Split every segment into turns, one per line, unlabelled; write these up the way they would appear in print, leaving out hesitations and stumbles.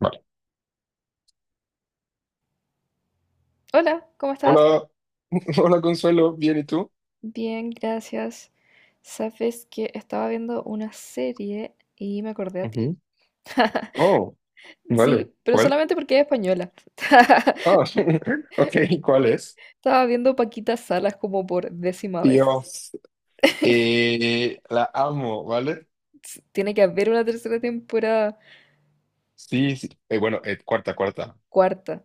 Vale.
Hola, ¿cómo estás?
Hola, hola Consuelo, ¿bien y tú?
Bien, gracias. Sabes que estaba viendo una serie y me acordé a ti.
Ujú. Oh, vale,
Sí, pero
¿cuál?
solamente porque es española.
Ah, ok, ¿cuál es?
Estaba viendo Paquita Salas como por décima vez.
Dios, la amo, ¿vale?
Tiene que haber una tercera temporada,
Sí, sí. Bueno, cuarta, cuarta.
cuarta,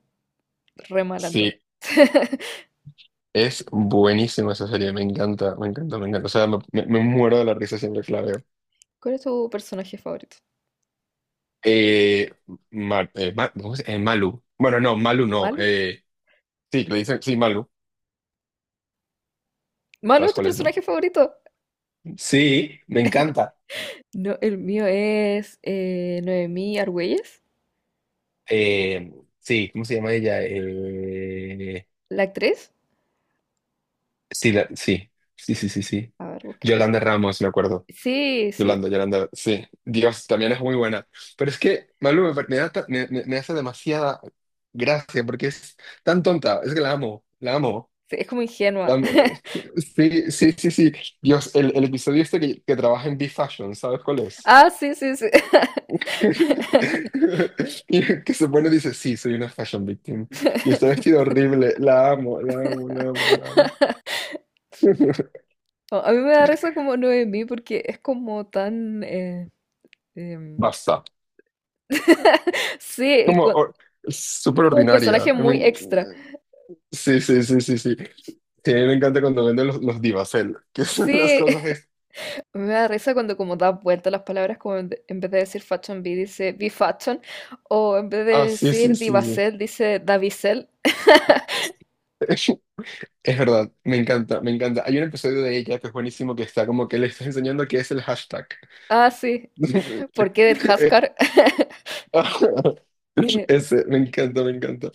remalando.
Sí, es buenísima esa serie, me encanta, me encanta, me encanta. O sea, me muero de la risa siempre que la veo.
¿Cuál es tu personaje favorito?
Eh, Malu. Bueno, no, Malu no.
¿Malo?
Sí, le dicen, sí, Malu.
¿Malo es
¿Sabes
tu
cuál es, no?
personaje favorito?
Sí, me encanta.
No, el mío es Noemí Argüelles,
Eh, sí, ¿cómo se llama ella? Eh,
la actriz.
sí, sí, sí, sí, sí, sí.
A ver, busquemos.
Yolanda Ramos, me acuerdo.
Sí, sí,
Yolanda, Yolanda, sí. Dios, también es muy buena. Pero es que, Malú, me da ta- me- me- me hace demasiada gracia porque es tan tonta. Es que la amo, la amo,
sí, es como
la
ingenua.
amo. Sí, sí, sí, sí. Dios, el episodio este que trabaja en B-Fashion, ¿sabes cuál es?
Ah, sí, sí, sí.
Y el que se pone dice, sí, soy una fashion victim. Y está vestido horrible. La amo, la amo, la amo, la amo.
No, a mí me da risa como Noemí porque es como tan. Em,
Basta.
Sí, y
Como or- Súper
como un
ordinaria.
personaje
I
muy
mean,
extra.
sí, sí, sí, sí, sí. Sí, a mí me encanta cuando venden los Divacel, que son las
Sí,
cosas.
a mí me da risa cuando como da vuelta las palabras, como en, en vez de decir Fashion B dice B-Fashion, o en vez de
Ah, sí, sí,
decir
sí, sí.
Divacel dice Davicel.
Es verdad, me encanta, me encanta. Hay un episodio de ella que es buenísimo, que está como que le está enseñando qué es el hashtag.
Ah, sí, ¿por qué del Haskar? Eh,
Ese, me encanta, me encanta.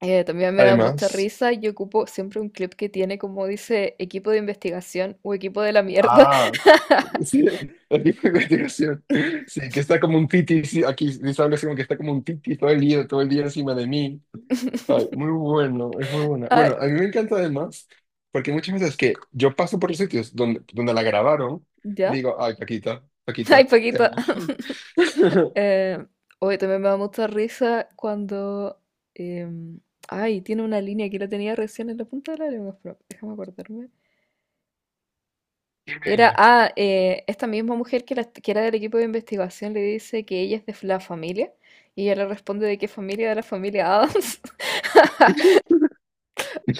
también me da mucha
Además,
risa y ocupo siempre un clip que tiene como dice equipo de investigación o equipo de la mierda.
ah, sí, aquí fue investigación. Sí, que está como un titi, sí, aquí dice algo así como que está como un titi todo el día encima de mí. Ay, muy bueno, es muy buena.
Ah,
Bueno, a mí me encanta además, porque muchas veces que yo paso por los sitios donde la grabaron y
¿ya?
digo, ay, Paquita,
Ay,
Paquita, te
Paquita.
amo.
Eh, hoy también me da mucha risa cuando. em, Ay, tiene una línea que la tenía recién en la punta de la lengua, pero déjame acordarme. Era,
Email.
esta misma mujer que, que era del equipo de investigación le dice que ella es de la familia y ella le responde de qué familia, de la familia Adams.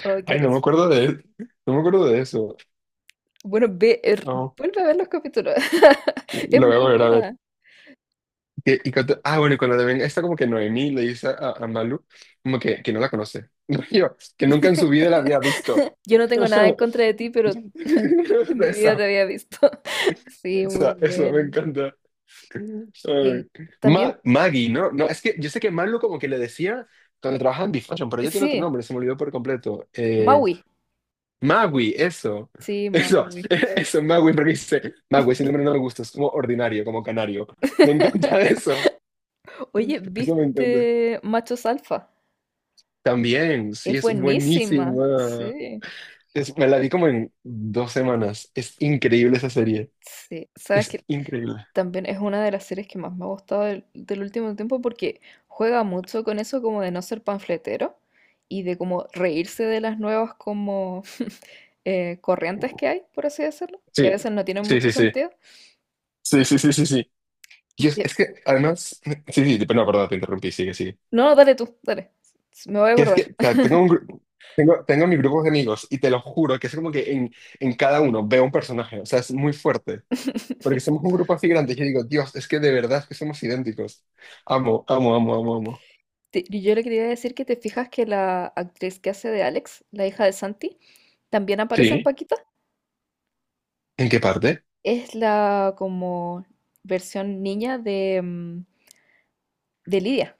Ay, qué
Ay, no me
risa.
acuerdo de, no me acuerdo de eso.
Bueno,
No,
vuelve a ver los capítulos. Es
lo voy a
muy
volver a ver.
buena.
Y cuando también está como que Noemí le dice a Malu como que no la conoce. Yo, que nunca en su vida la había visto.
Yo no tengo nada en
Eso,
contra de ti, pero en mi vida te había visto. Sí, muy
eso me
buena.
encanta.
Eh,
Ay.
también,
Maggie, ¿no? No, es que yo sé que Malu como que le decía cuando trabajaba en Bifashion, pero ya tiene otro
sí,
nombre, se me olvidó por completo.
Maui.
Magui, eso.
Sí,
Eso,
Maui.
eso, Magui, porque dice, Magui, ese nombre no me gusta, es como ordinario, como canario. Me encanta eso.
Oye,
Eso me encanta.
¿viste Machos Alfa?
También, sí,
Es
es
buenísima.
buenísima.
Sí,
Me la vi como en 2 semanas. Es increíble esa serie.
sí. Sabes
Es
que
increíble.
también es una de las series que más me ha gustado del último tiempo porque juega mucho con eso como de no ser panfletero y de como reírse de las nuevas como corrientes que hay, por así decirlo, que a
Sí,
veces no tienen
sí,
mucho
sí, sí.
sentido.
Sí, sí, sí, sí, sí.
Y
Y es,
te...
es que además, sí, sí, pero no, perdón, te interrumpí, sigue, sigue.
No, no, dale tú, dale. Me voy a
Que es
acordar.
que, o sea, tengo mi grupo de amigos y te lo juro que es como que en cada uno veo un personaje, o sea, es muy fuerte. Porque somos un grupo así grande y yo digo, Dios, es que de verdad es que somos idénticos. Amo, amo, amo, amo, amo.
Y yo le quería decir que te fijas que la actriz que hace de Alex, la hija de Santi, también aparece en
Sí.
Paquita.
¿En qué parte?
Es la como versión niña de Lidia.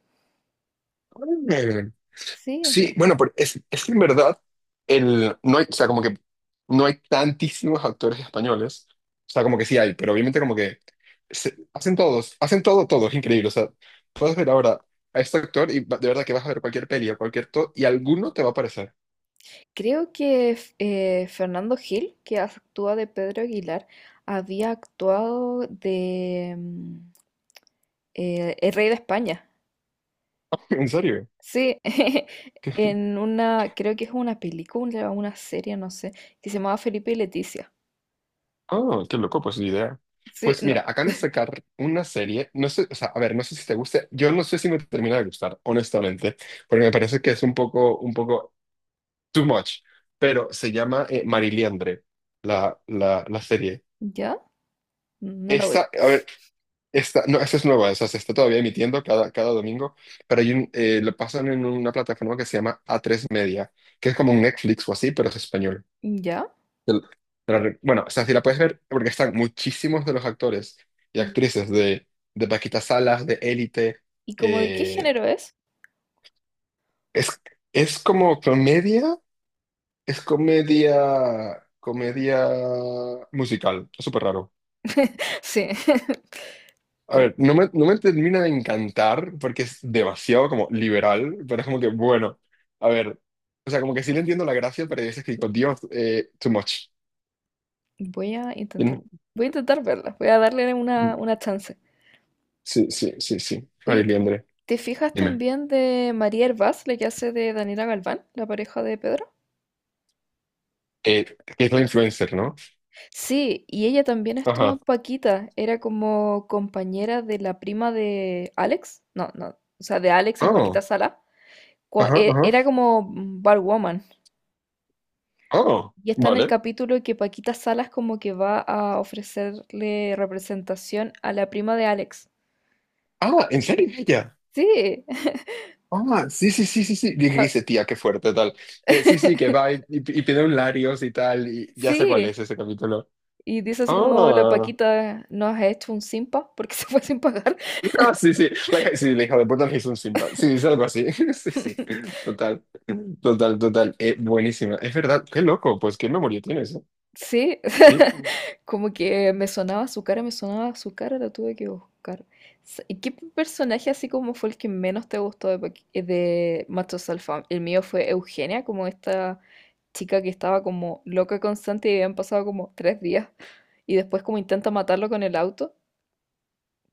Sí,
Sí,
no.
bueno, pero es que en verdad, no hay, o sea, como que no hay tantísimos actores españoles. O sea, como que sí hay, pero obviamente como que hacen todo, todo, es increíble. O sea, puedes ver ahora a este actor y de verdad que vas a ver cualquier peli o cualquier todo y alguno te va a aparecer.
Creo que Fernando Gil, que actúa de Pedro Aguilar, había actuado de El Rey de España.
¿En serio?
Sí,
¿Qué?
en una, creo que es una película o una serie, no sé, que se llamaba Felipe y Leticia.
Oh, qué loco, pues ni idea.
Sí,
Pues
no,
mira, acaban de sacar una serie, no sé, o sea, a ver, no sé si te guste, yo no sé si me termina de gustar, honestamente, porque me parece que es un poco too much, pero se llama Mariliandre, la serie.
¿ya? No la voy.
Esta, a ver, esta, no, esta es nueva, o sea, se está todavía emitiendo cada domingo, pero lo pasan en una plataforma que se llama a tres Media, que es como un Netflix o así, pero es español.
¿Ya?
Te la- Bueno, o sea, si la puedes ver, porque están muchísimos de los actores y
¿Y,
actrices de, Paquita Salas, de Élite,
y como de qué
eh,
género es?
es, es como comedia. Es comedia, comedia musical, es súper raro.
Sí,
A
pero
ver, no me termina de encantar porque es demasiado como liberal, pero es como que, bueno, a ver, o sea, como que sí le entiendo la gracia, pero es que digo, Dios, too much.
voy a intentar,
Mm,
voy a intentar verla, voy a darle una chance.
sí, sí, sí, sí. María,
Oye, ¿te fijas
dime.
también de María Hervás, la que hace de Daniela Galván, la pareja de Pedro?
Eh, que es la influencer, ¿no?
Sí, y ella también estuvo en
Ajá.
Paquita, era como compañera de la prima de Alex, no, no, o sea, de Alex en Paquita
Oh,
Sala,
ajá, ajá.
era como barwoman,
Oh,
y está en el
vale.
capítulo que Paquita Salas como que va a ofrecerle representación a la prima de Alex.
Ah, ¿en serio es ella?
Sí,
Ah, sí, sí, sí, sí, sí. Dije,
a-
dice, tía, qué fuerte, tal. Que sí, sí, que va y, y pide un Larios y tal. Y ya sé cuál
sí,
es ese capítulo.
y dice así como la
Ah,
Paquita nos ha hecho un simpa porque se fue sin pagar.
ah, sí, sí. Sí, la hija de puta le hizo un Simba. Sí, es algo así. Sí, sí. Total. Total, total. Buenísima. Es verdad. Qué loco. ¿Pues qué memoria tienes, eh?
Sí,
Sí.
como que me sonaba su cara, me sonaba su cara, la tuve que buscar. ¿Y qué personaje así como fue el que menos te gustó de, de Machos Alfa? El mío fue Eugenia, como esta chica que estaba como loca constante y habían pasado como 3 días. Y después como intenta matarlo con el auto,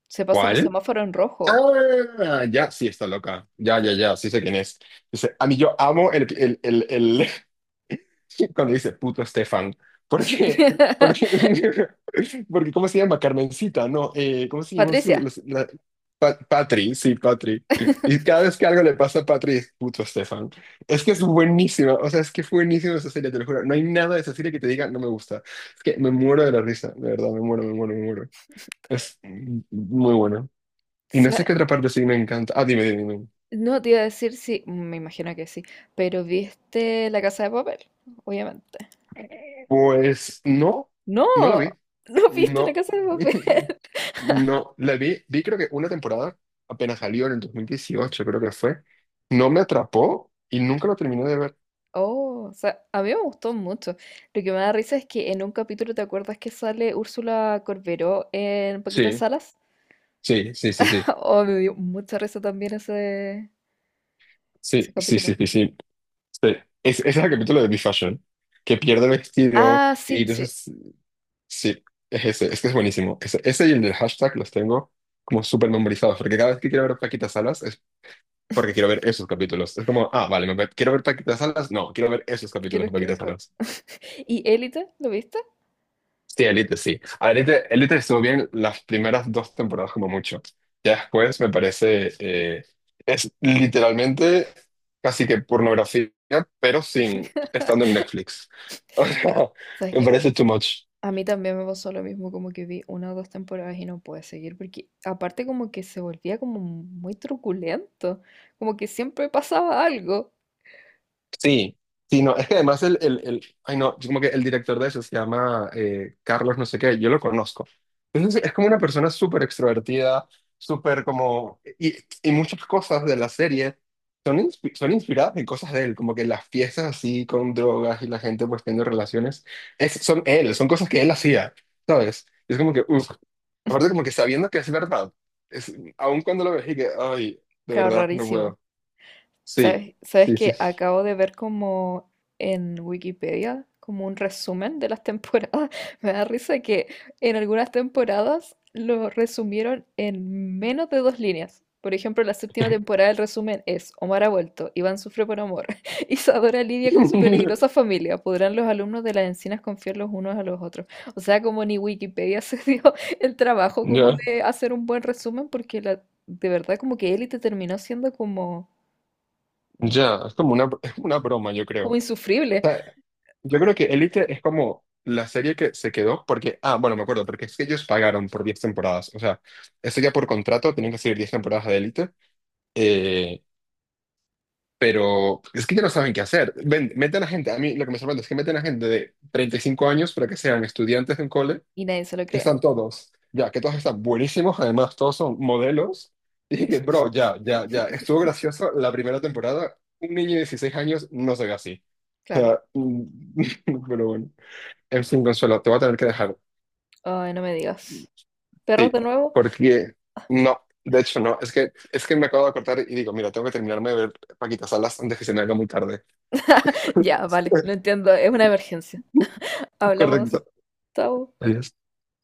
se pasan los
¿Cuál?
semáforos en rojo.
Ah, ya, sí, está loca. Ya,
Sí.
ya, ya. Sí sé quién es. Dice, a mí yo amo cuando dice puto Estefan, porque, porque, ¿cómo se llama? Carmencita, no. ¿Cómo se llama su,
Patricia.
Patri, sí, Patri? Y cada vez que algo le pasa a Patri es puto Estefan. Es que es buenísima, o sea, es que fue buenísima esa serie, te lo juro. No hay nada de esa serie que te diga no me gusta. Es que me muero de la risa, de verdad, me muero, me muero, me muero. Es muy bueno. Y no sé
Sa-
qué otra parte sí me encanta. Ah, dime, dime.
No te iba a decir si, me imagino que sí, pero ¿viste La Casa de Papel? Obviamente.
Pues no,
No,
no la vi.
no viste la
No.
casa de papel.
No, la vi creo que una temporada, apenas salió en el 2018, creo que fue. No me atrapó y nunca lo terminé de ver.
Oh, o sea, a mí me gustó mucho. Lo que me da risa es que en un capítulo, ¿te acuerdas que sale Úrsula Corberó en Paquita
Sí,
Salas?
sí, sí, sí, sí.
Oh, me dio mucha risa también ese
Sí, sí,
capítulo.
sí, sí, sí. Sí. Ese es el capítulo de Be Fashion, que pierde el vestido
Ah,
y
sí, sí,
entonces, sí, es ese, es que es buenísimo. Ese y el del hashtag los tengo como súper memorizados, porque cada vez que quiero ver a Paquita Salas, porque quiero ver esos capítulos. Es como, ah, vale, me quiero ver Paquita Salas. No, quiero ver esos capítulos
creo
de
que
Paquita
fue.
Salas.
¿Y Élite? ¿Lo viste?
Sí, Elite, sí. Elite estuvo bien las primeras dos temporadas como mucho. Ya después me parece, es literalmente casi que pornografía, pero sin estando en Netflix. O sea,
Sabes
me
que
parece too much.
a mí también me pasó lo mismo, como que vi una o dos temporadas y no pude seguir, porque aparte como que se volvía como muy truculento, como que siempre pasaba algo.
Sí, sí, no, es que además ay no, yo como que el director de eso se llama Carlos no sé qué, yo lo conozco. Entonces es como una persona súper extrovertida, súper como, y muchas cosas de la serie son inspiradas en cosas de él, como que las fiestas así con drogas y la gente pues teniendo relaciones, son él, son cosas que él hacía, ¿sabes? Es como que, uff, aparte como que sabiendo que es verdad, aun cuando lo ves y que, ay, de
Claro,
verdad, no
rarísimo.
puedo. Sí,
¿Sabes? ¿Sabes
sí, sí.
que acabo de ver como en Wikipedia, como un resumen de las temporadas? Me da risa que en algunas temporadas lo resumieron en menos de dos líneas. Por ejemplo, la séptima temporada el resumen es Omar ha vuelto, Iván sufre por amor, Isadora lidia con su peligrosa familia, ¿podrán los alumnos de las encinas confiar los unos a los otros? O sea, como ni Wikipedia se dio el trabajo como
Ya,
de hacer un buen resumen porque la, de verdad como que Élite terminó siendo como
ya, es como una, broma, yo creo.
como
O
insufrible.
sea, yo creo que Elite es como la serie que se quedó porque, ah, bueno, me acuerdo, porque es que ellos pagaron por 10 temporadas. O sea, eso ya por contrato tienen que seguir 10 temporadas de Elite. eh, pero es que ya no saben qué hacer. Ven, meten a gente, a mí lo que me sorprende es que meten a gente de 35 años para que sean estudiantes de un cole,
Y nadie se lo
que
cree.
están todos, ya, que todos están buenísimos, además todos son modelos. Y dije que, bro, ya, ya, ya, estuvo gracioso la primera temporada. Un niño de 16 años no se ve así.
Claro.
Mm, Pero bueno, en fin, Consuelo, te voy a tener que dejar.
Ay, no me digas. ¿Perros
Sí,
de nuevo?
porque no, de hecho no, es que, me acabo de cortar y digo, mira, tengo que terminarme de ver Paquita Salas antes que se me haga muy tarde.
Ya, vale, lo entiendo, es una emergencia.
Correcto.
Hablamos. Chao.
Adiós.